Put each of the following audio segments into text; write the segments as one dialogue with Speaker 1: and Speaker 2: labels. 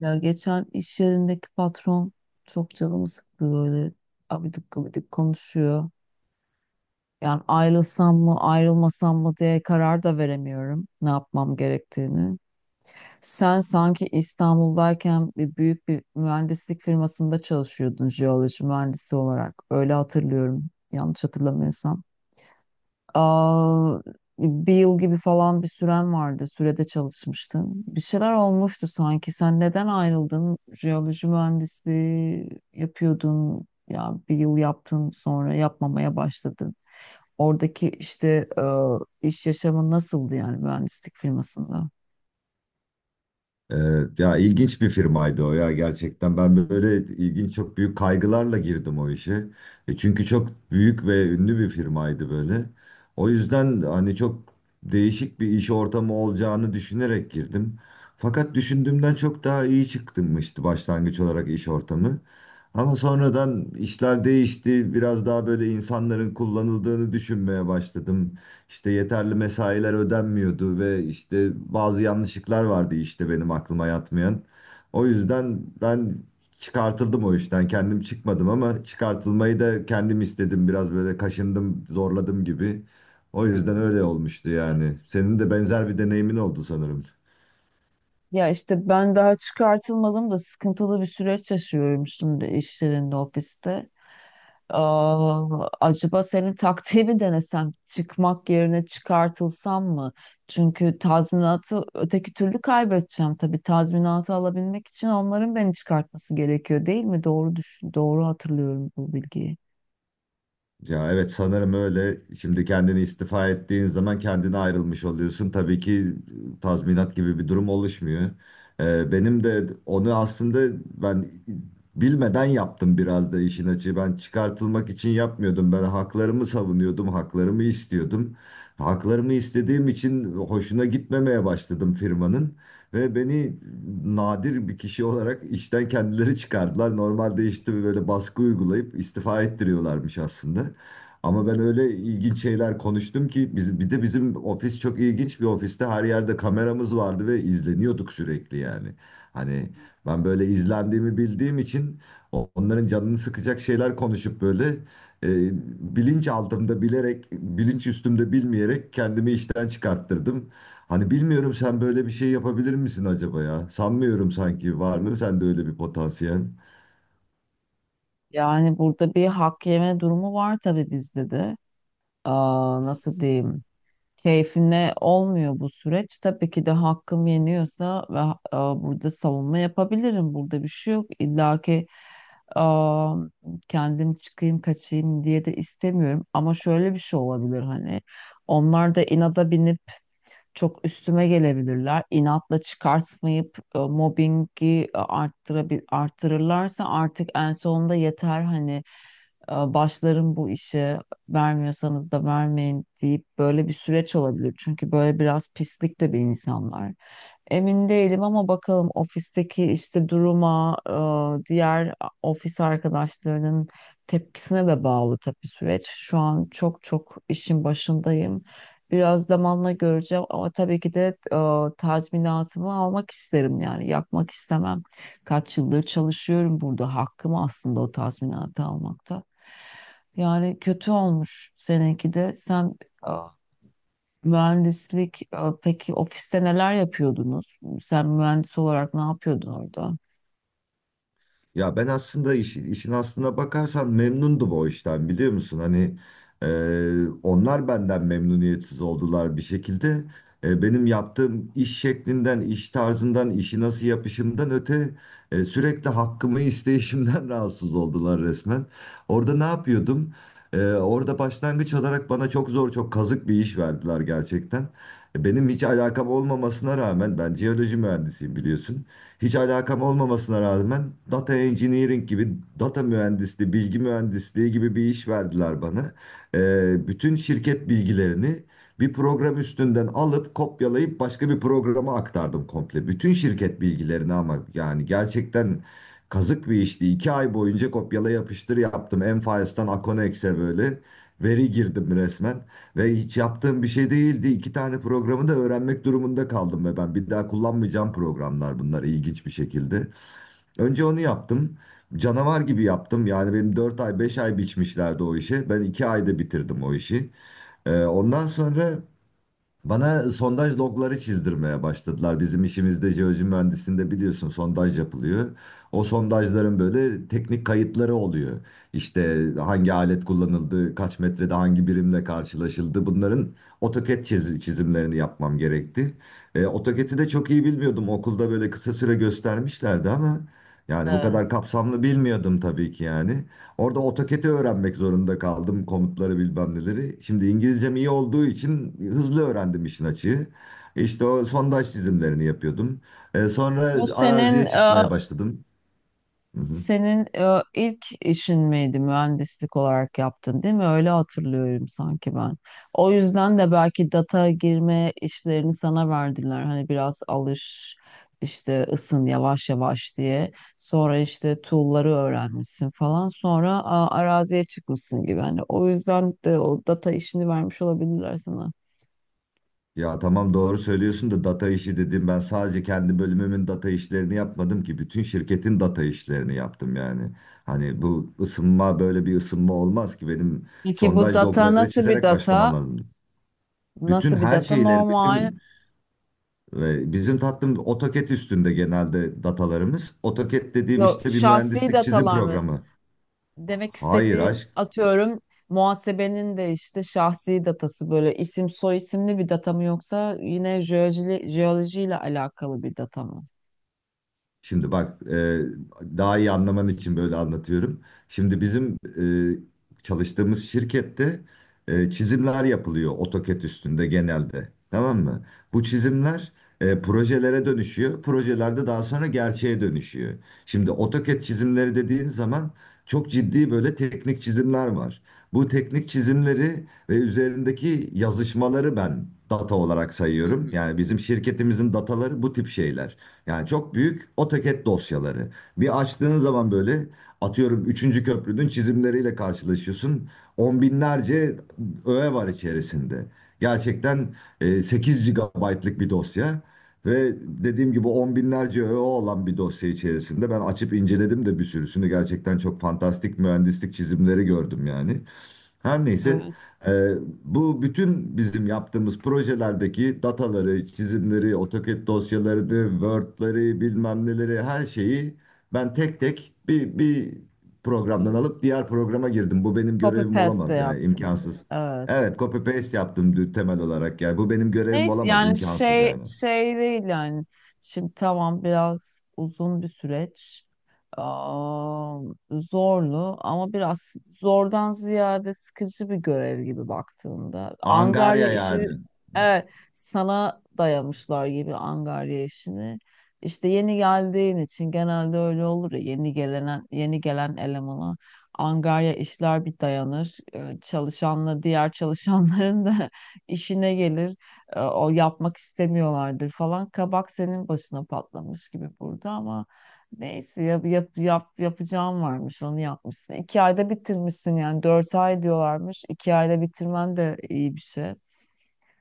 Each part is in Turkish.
Speaker 1: Ya geçen iş yerindeki patron çok canımı sıktı böyle, abidik gubidik konuşuyor. Yani ayrılsam mı ayrılmasam mı diye karar da veremiyorum ne yapmam gerektiğini. Sen sanki İstanbul'dayken büyük bir mühendislik firmasında çalışıyordun jeoloji mühendisi olarak. Öyle hatırlıyorum yanlış hatırlamıyorsam. Aa, Bir yıl gibi falan bir süren vardı. Sürede çalışmıştım. Bir şeyler olmuştu sanki. Sen neden ayrıldın? Jeoloji mühendisliği yapıyordun. Ya bir yıl yaptın sonra yapmamaya başladın. Oradaki işte, iş yaşamın nasıldı yani mühendislik firmasında?
Speaker 2: Ee, ya ilginç bir firmaydı o ya gerçekten. Ben böyle ilginç çok büyük kaygılarla girdim o işe. Çünkü çok büyük ve ünlü bir firmaydı böyle. O yüzden hani çok değişik bir iş ortamı olacağını düşünerek girdim. Fakat düşündüğümden çok daha iyi çıkmıştı başlangıç olarak iş ortamı. Ama sonradan işler değişti. Biraz daha böyle insanların kullanıldığını düşünmeye başladım, işte yeterli mesailer ödenmiyordu ve işte bazı yanlışlıklar vardı, işte benim aklıma yatmayan. O yüzden ben çıkartıldım o işten. Kendim çıkmadım ama çıkartılmayı da kendim istedim. Biraz böyle kaşındım, zorladım gibi. O yüzden öyle
Speaker 1: Hmm.
Speaker 2: olmuştu
Speaker 1: Evet.
Speaker 2: yani. Senin de benzer bir deneyimin oldu sanırım.
Speaker 1: Ya işte ben daha çıkartılmadım da sıkıntılı bir süreç yaşıyorum şimdi iş yerinde, ofiste. Acaba senin taktiği mi denesem? Çıkmak yerine çıkartılsam mı? Çünkü tazminatı öteki türlü kaybedeceğim tabii. Tazminatı alabilmek için onların beni çıkartması gerekiyor değil mi? Doğru düşün, doğru hatırlıyorum bu bilgiyi.
Speaker 2: Ya evet sanırım öyle. Şimdi kendini istifa ettiğin zaman kendine ayrılmış oluyorsun. Tabii ki tazminat gibi bir durum oluşmuyor. Benim de onu aslında ben bilmeden yaptım biraz da işin açığı. Ben çıkartılmak için yapmıyordum. Ben haklarımı savunuyordum, haklarımı istiyordum. Haklarımı istediğim için hoşuna gitmemeye başladım firmanın. Ve beni nadir bir kişi olarak işten kendileri çıkardılar. Normalde işte böyle baskı uygulayıp istifa ettiriyorlarmış aslında. Ama ben öyle ilginç şeyler konuştum ki biz, bir de bizim ofis çok ilginç bir ofiste her yerde kameramız vardı ve izleniyorduk sürekli yani. Hani ben böyle izlendiğimi bildiğim için onların canını sıkacak şeyler konuşup böyle e, bilinç altımda bilerek, bilinç üstümde bilmeyerek kendimi işten çıkarttırdım. Hani bilmiyorum sen böyle bir şey yapabilir misin acaba ya? Sanmıyorum, sanki var mı sende öyle bir potansiyel?
Speaker 1: Yani burada bir hak yeme durumu var tabii bizde de. Aa, nasıl diyeyim? Keyfine olmuyor bu süreç. Tabii ki de hakkım yeniyorsa ve burada savunma yapabilirim. Burada bir şey yok. İlla ki, e, kendim çıkayım kaçayım diye de istemiyorum. Ama şöyle bir şey olabilir hani. Onlar da inada binip çok üstüme gelebilirler. İnatla çıkartmayıp mobbingi e, arttırabil arttırırlarsa artık en sonunda yeter hani, başlarım bu işe, vermiyorsanız da vermeyin deyip böyle bir süreç olabilir. Çünkü böyle biraz pislik de bir insanlar. Emin değilim ama bakalım ofisteki işte duruma, diğer ofis arkadaşlarının tepkisine de bağlı tabii süreç. Şu an çok çok işin başındayım. Biraz zamanla göreceğim ama tabii ki de tazminatımı almak isterim yani yakmak istemem. Kaç yıldır çalışıyorum burada, hakkım aslında o tazminatı almakta. Yani kötü olmuş seninki de. Sen mühendislik, peki ofiste neler yapıyordunuz? Sen mühendis olarak ne yapıyordun orada?
Speaker 2: Ya ben aslında işin aslına bakarsan memnundum o işten biliyor musun? Hani, e, onlar benden memnuniyetsiz oldular bir şekilde. Benim yaptığım iş şeklinden, iş tarzından, işi nasıl yapışımdan öte, sürekli hakkımı isteyişimden rahatsız oldular resmen. Orada ne yapıyordum? Orada başlangıç olarak bana çok zor, çok kazık bir iş verdiler gerçekten. Benim hiç alakam olmamasına rağmen, ben jeoloji mühendisiyim biliyorsun, hiç alakam olmamasına rağmen data engineering gibi, data mühendisliği, bilgi mühendisliği gibi bir iş verdiler bana. Bütün şirket bilgilerini bir program üstünden alıp kopyalayıp başka bir programa aktardım komple. Bütün şirket bilgilerini ama yani gerçekten kazık bir işti. İki ay boyunca kopyala yapıştır yaptım. M-Files'tan Aconex'e böyle veri girdim resmen. Ve hiç yaptığım bir şey değildi. İki tane programı da öğrenmek durumunda kaldım ve ben bir daha kullanmayacağım programlar bunlar, ilginç bir şekilde. Önce onu yaptım. Canavar gibi yaptım. Yani benim 4 ay 5 ay biçmişlerdi o işi. Ben 2 ayda bitirdim o işi. Ondan sonra bana sondaj logları çizdirmeye başladılar. Bizim işimizde, jeoloji mühendisliğinde biliyorsun, sondaj yapılıyor. O sondajların böyle teknik kayıtları oluyor. İşte hangi alet kullanıldı, kaç metrede hangi birimle karşılaşıldı. Bunların AutoCAD çizimlerini yapmam gerekti. AutoCAD'i de çok iyi bilmiyordum. Okulda böyle kısa süre göstermişlerdi ama yani bu kadar
Speaker 1: Evet.
Speaker 2: kapsamlı bilmiyordum tabii ki yani. Orada AutoCAD'i öğrenmek zorunda kaldım. Komutları, bilmem neleri. Şimdi İngilizcem iyi olduğu için hızlı öğrendim işin açığı. İşte o sondaj çizimlerini yapıyordum. Sonra
Speaker 1: Bu senin
Speaker 2: araziye çıkmaya başladım. Hı hı.
Speaker 1: senin ilk işin miydi mühendislik olarak yaptın değil mi? Öyle hatırlıyorum sanki ben. O yüzden de belki data girme işlerini sana verdiler. Hani biraz alış, işte ısın yavaş yavaş diye. Sonra işte tool'ları öğrenmişsin falan. Sonra araziye çıkmışsın gibi. Hani o yüzden de o data işini vermiş olabilirler sana.
Speaker 2: Ya tamam, doğru söylüyorsun da data işi dedim. Ben sadece kendi bölümümün data işlerini yapmadım ki. Bütün şirketin data işlerini yaptım yani. Hani bu ısınma böyle bir ısınma olmaz ki. Benim
Speaker 1: Peki bu
Speaker 2: sondaj
Speaker 1: data
Speaker 2: logları
Speaker 1: nasıl bir
Speaker 2: çizerek başlamam
Speaker 1: data?
Speaker 2: lazım. Bütün
Speaker 1: Nasıl bir
Speaker 2: her
Speaker 1: data?
Speaker 2: şeyleri,
Speaker 1: Normal,
Speaker 2: bütün ve bizim tatlım AutoCAD üstünde genelde datalarımız. AutoCAD dediğim
Speaker 1: yok,
Speaker 2: işte bir
Speaker 1: şahsi
Speaker 2: mühendislik çizim
Speaker 1: datalar mı?
Speaker 2: programı.
Speaker 1: Demek
Speaker 2: Hayır
Speaker 1: istediğim
Speaker 2: aşk.
Speaker 1: atıyorum muhasebenin de işte şahsi datası böyle isim soy isimli bir data mı yoksa yine jeoloji, jeolojiyle alakalı bir data mı?
Speaker 2: Şimdi bak, daha iyi anlaman için böyle anlatıyorum. Şimdi bizim çalıştığımız şirkette çizimler yapılıyor AutoCAD üstünde genelde. Tamam mı? Bu çizimler projelere dönüşüyor. Projelerde daha sonra gerçeğe dönüşüyor. Şimdi AutoCAD çizimleri dediğin zaman çok ciddi böyle teknik çizimler var. Bu teknik çizimleri ve üzerindeki yazışmaları ben data olarak sayıyorum. Yani bizim şirketimizin dataları bu tip şeyler. Yani çok büyük AutoCAD dosyaları. Bir açtığın zaman böyle, atıyorum, üçüncü köprünün çizimleriyle karşılaşıyorsun. On binlerce öğe var içerisinde. Gerçekten 8 GB'lık bir dosya. Ve dediğim gibi on binlerce öğe olan bir dosya içerisinde ben açıp inceledim de bir sürüsünü, gerçekten çok fantastik mühendislik çizimleri gördüm yani. Her neyse,
Speaker 1: Evet.
Speaker 2: e, bu bütün bizim yaptığımız projelerdeki dataları, çizimleri, AutoCAD dosyalarını, Word'leri, bilmem neleri, her şeyi ben tek tek bir programdan alıp diğer programa girdim. Bu benim
Speaker 1: Copy
Speaker 2: görevim
Speaker 1: paste de
Speaker 2: olamaz yani,
Speaker 1: yaptım.
Speaker 2: imkansız.
Speaker 1: Evet.
Speaker 2: Evet, copy paste yaptım temel olarak yani. Bu benim görevim
Speaker 1: Neyse
Speaker 2: olamaz,
Speaker 1: yani
Speaker 2: imkansız
Speaker 1: şey
Speaker 2: yani.
Speaker 1: şey değil yani. Şimdi tamam biraz uzun bir süreç. Aa, Zorlu ama biraz zordan ziyade sıkıcı bir görev gibi baktığında. Angarya
Speaker 2: Angarya
Speaker 1: işi,
Speaker 2: yani.
Speaker 1: evet, sana dayamışlar gibi angarya işini. İşte yeni geldiğin için genelde öyle olur ya, yeni gelen elemana angarya işler bir dayanır. Çalışanla diğer çalışanların da işine gelir, o yapmak istemiyorlardır falan. Kabak senin başına patlamış gibi burada ama neyse yap, yap, yap, yapacağım varmış onu yapmışsın. İki ayda bitirmişsin yani dört ay diyorlarmış. İki ayda bitirmen de iyi bir şey.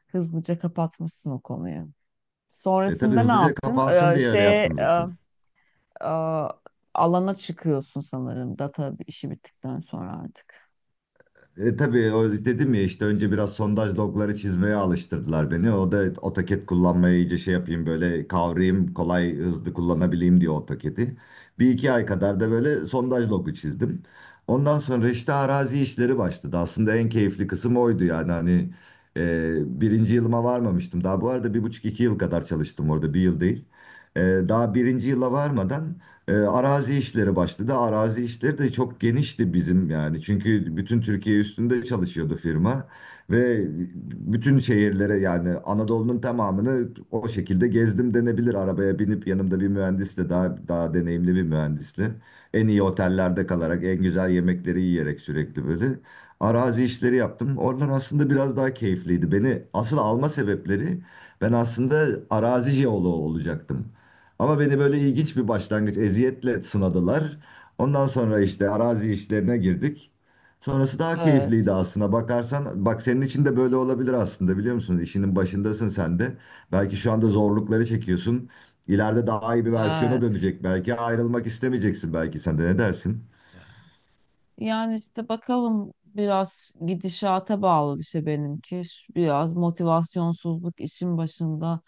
Speaker 1: Hızlıca kapatmışsın o konuyu.
Speaker 2: Tabii
Speaker 1: Sonrasında ne
Speaker 2: hızlıca
Speaker 1: yaptın?
Speaker 2: kapansın diye öyle yaptım zaten.
Speaker 1: E, e, Alana çıkıyorsun sanırım data işi bittikten sonra artık.
Speaker 2: Tabii o dedim ya, işte önce biraz sondaj logları çizmeye alıştırdılar beni. O da AutoCAD kullanmayı iyice şey yapayım, böyle kavrayayım, kolay hızlı kullanabileyim diye AutoCAD'i. Bir iki ay kadar da böyle sondaj logu çizdim. Ondan sonra işte arazi işleri başladı. Aslında en keyifli kısım oydu yani, hani, birinci yılıma varmamıştım. Daha bu arada bir buçuk iki yıl kadar çalıştım orada, bir yıl değil. E, Daha birinci yıla varmadan arazi işleri başladı. Arazi işleri de çok genişti bizim yani. Çünkü bütün Türkiye üstünde çalışıyordu firma ve bütün şehirlere, yani Anadolu'nun tamamını o şekilde gezdim denebilir. Arabaya binip yanımda bir mühendisle, daha deneyimli bir mühendisle, en iyi otellerde kalarak, en güzel yemekleri yiyerek, sürekli böyle arazi işleri yaptım. Oralar aslında biraz daha keyifliydi. Beni asıl alma sebepleri, ben aslında arazi jeoloğu olacaktım. Ama beni böyle ilginç bir başlangıç eziyetle sınadılar. Ondan sonra işte arazi işlerine girdik. Sonrası daha keyifliydi
Speaker 1: Evet.
Speaker 2: aslında. Bakarsan bak, senin için de böyle olabilir aslında biliyor musun? İşinin başındasın sen de. Belki şu anda zorlukları çekiyorsun. İleride daha iyi bir versiyona
Speaker 1: Evet.
Speaker 2: dönecek belki. Ayrılmak istemeyeceksin belki sen de, ne dersin?
Speaker 1: Yani işte bakalım biraz gidişata bağlı bir şey benimki. Şu, biraz motivasyonsuzluk işin başında.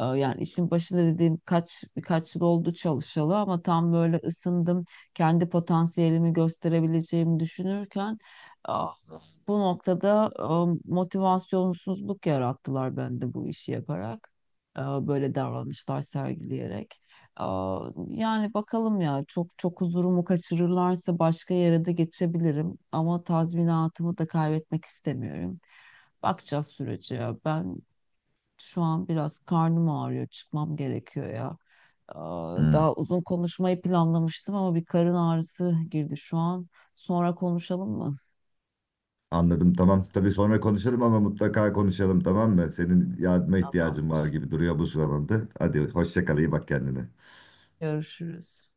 Speaker 1: Yani işin başında dediğim birkaç yıl oldu çalışalı ama tam böyle ısındım, kendi potansiyelimi gösterebileceğimi düşünürken ah, bu noktada motivasyonsuzluk yarattılar bende bu işi yaparak. Böyle davranışlar sergileyerek. Yani bakalım ya, çok çok huzurumu kaçırırlarsa başka yere de geçebilirim ama tazminatımı da kaybetmek istemiyorum. Bakacağız sürece ya. Ben şu an biraz karnım ağrıyor, çıkmam gerekiyor ya.
Speaker 2: Hmm,
Speaker 1: Daha uzun konuşmayı planlamıştım ama bir karın ağrısı girdi şu an. Sonra konuşalım mı?
Speaker 2: anladım, tamam. Tabii sonra konuşalım ama mutlaka konuşalım, tamam mı? Senin yardıma ihtiyacın var
Speaker 1: Tamamdır.
Speaker 2: gibi duruyor bu sıralarda. Hadi hoşça kal, iyi bak kendine.
Speaker 1: Görüşürüz.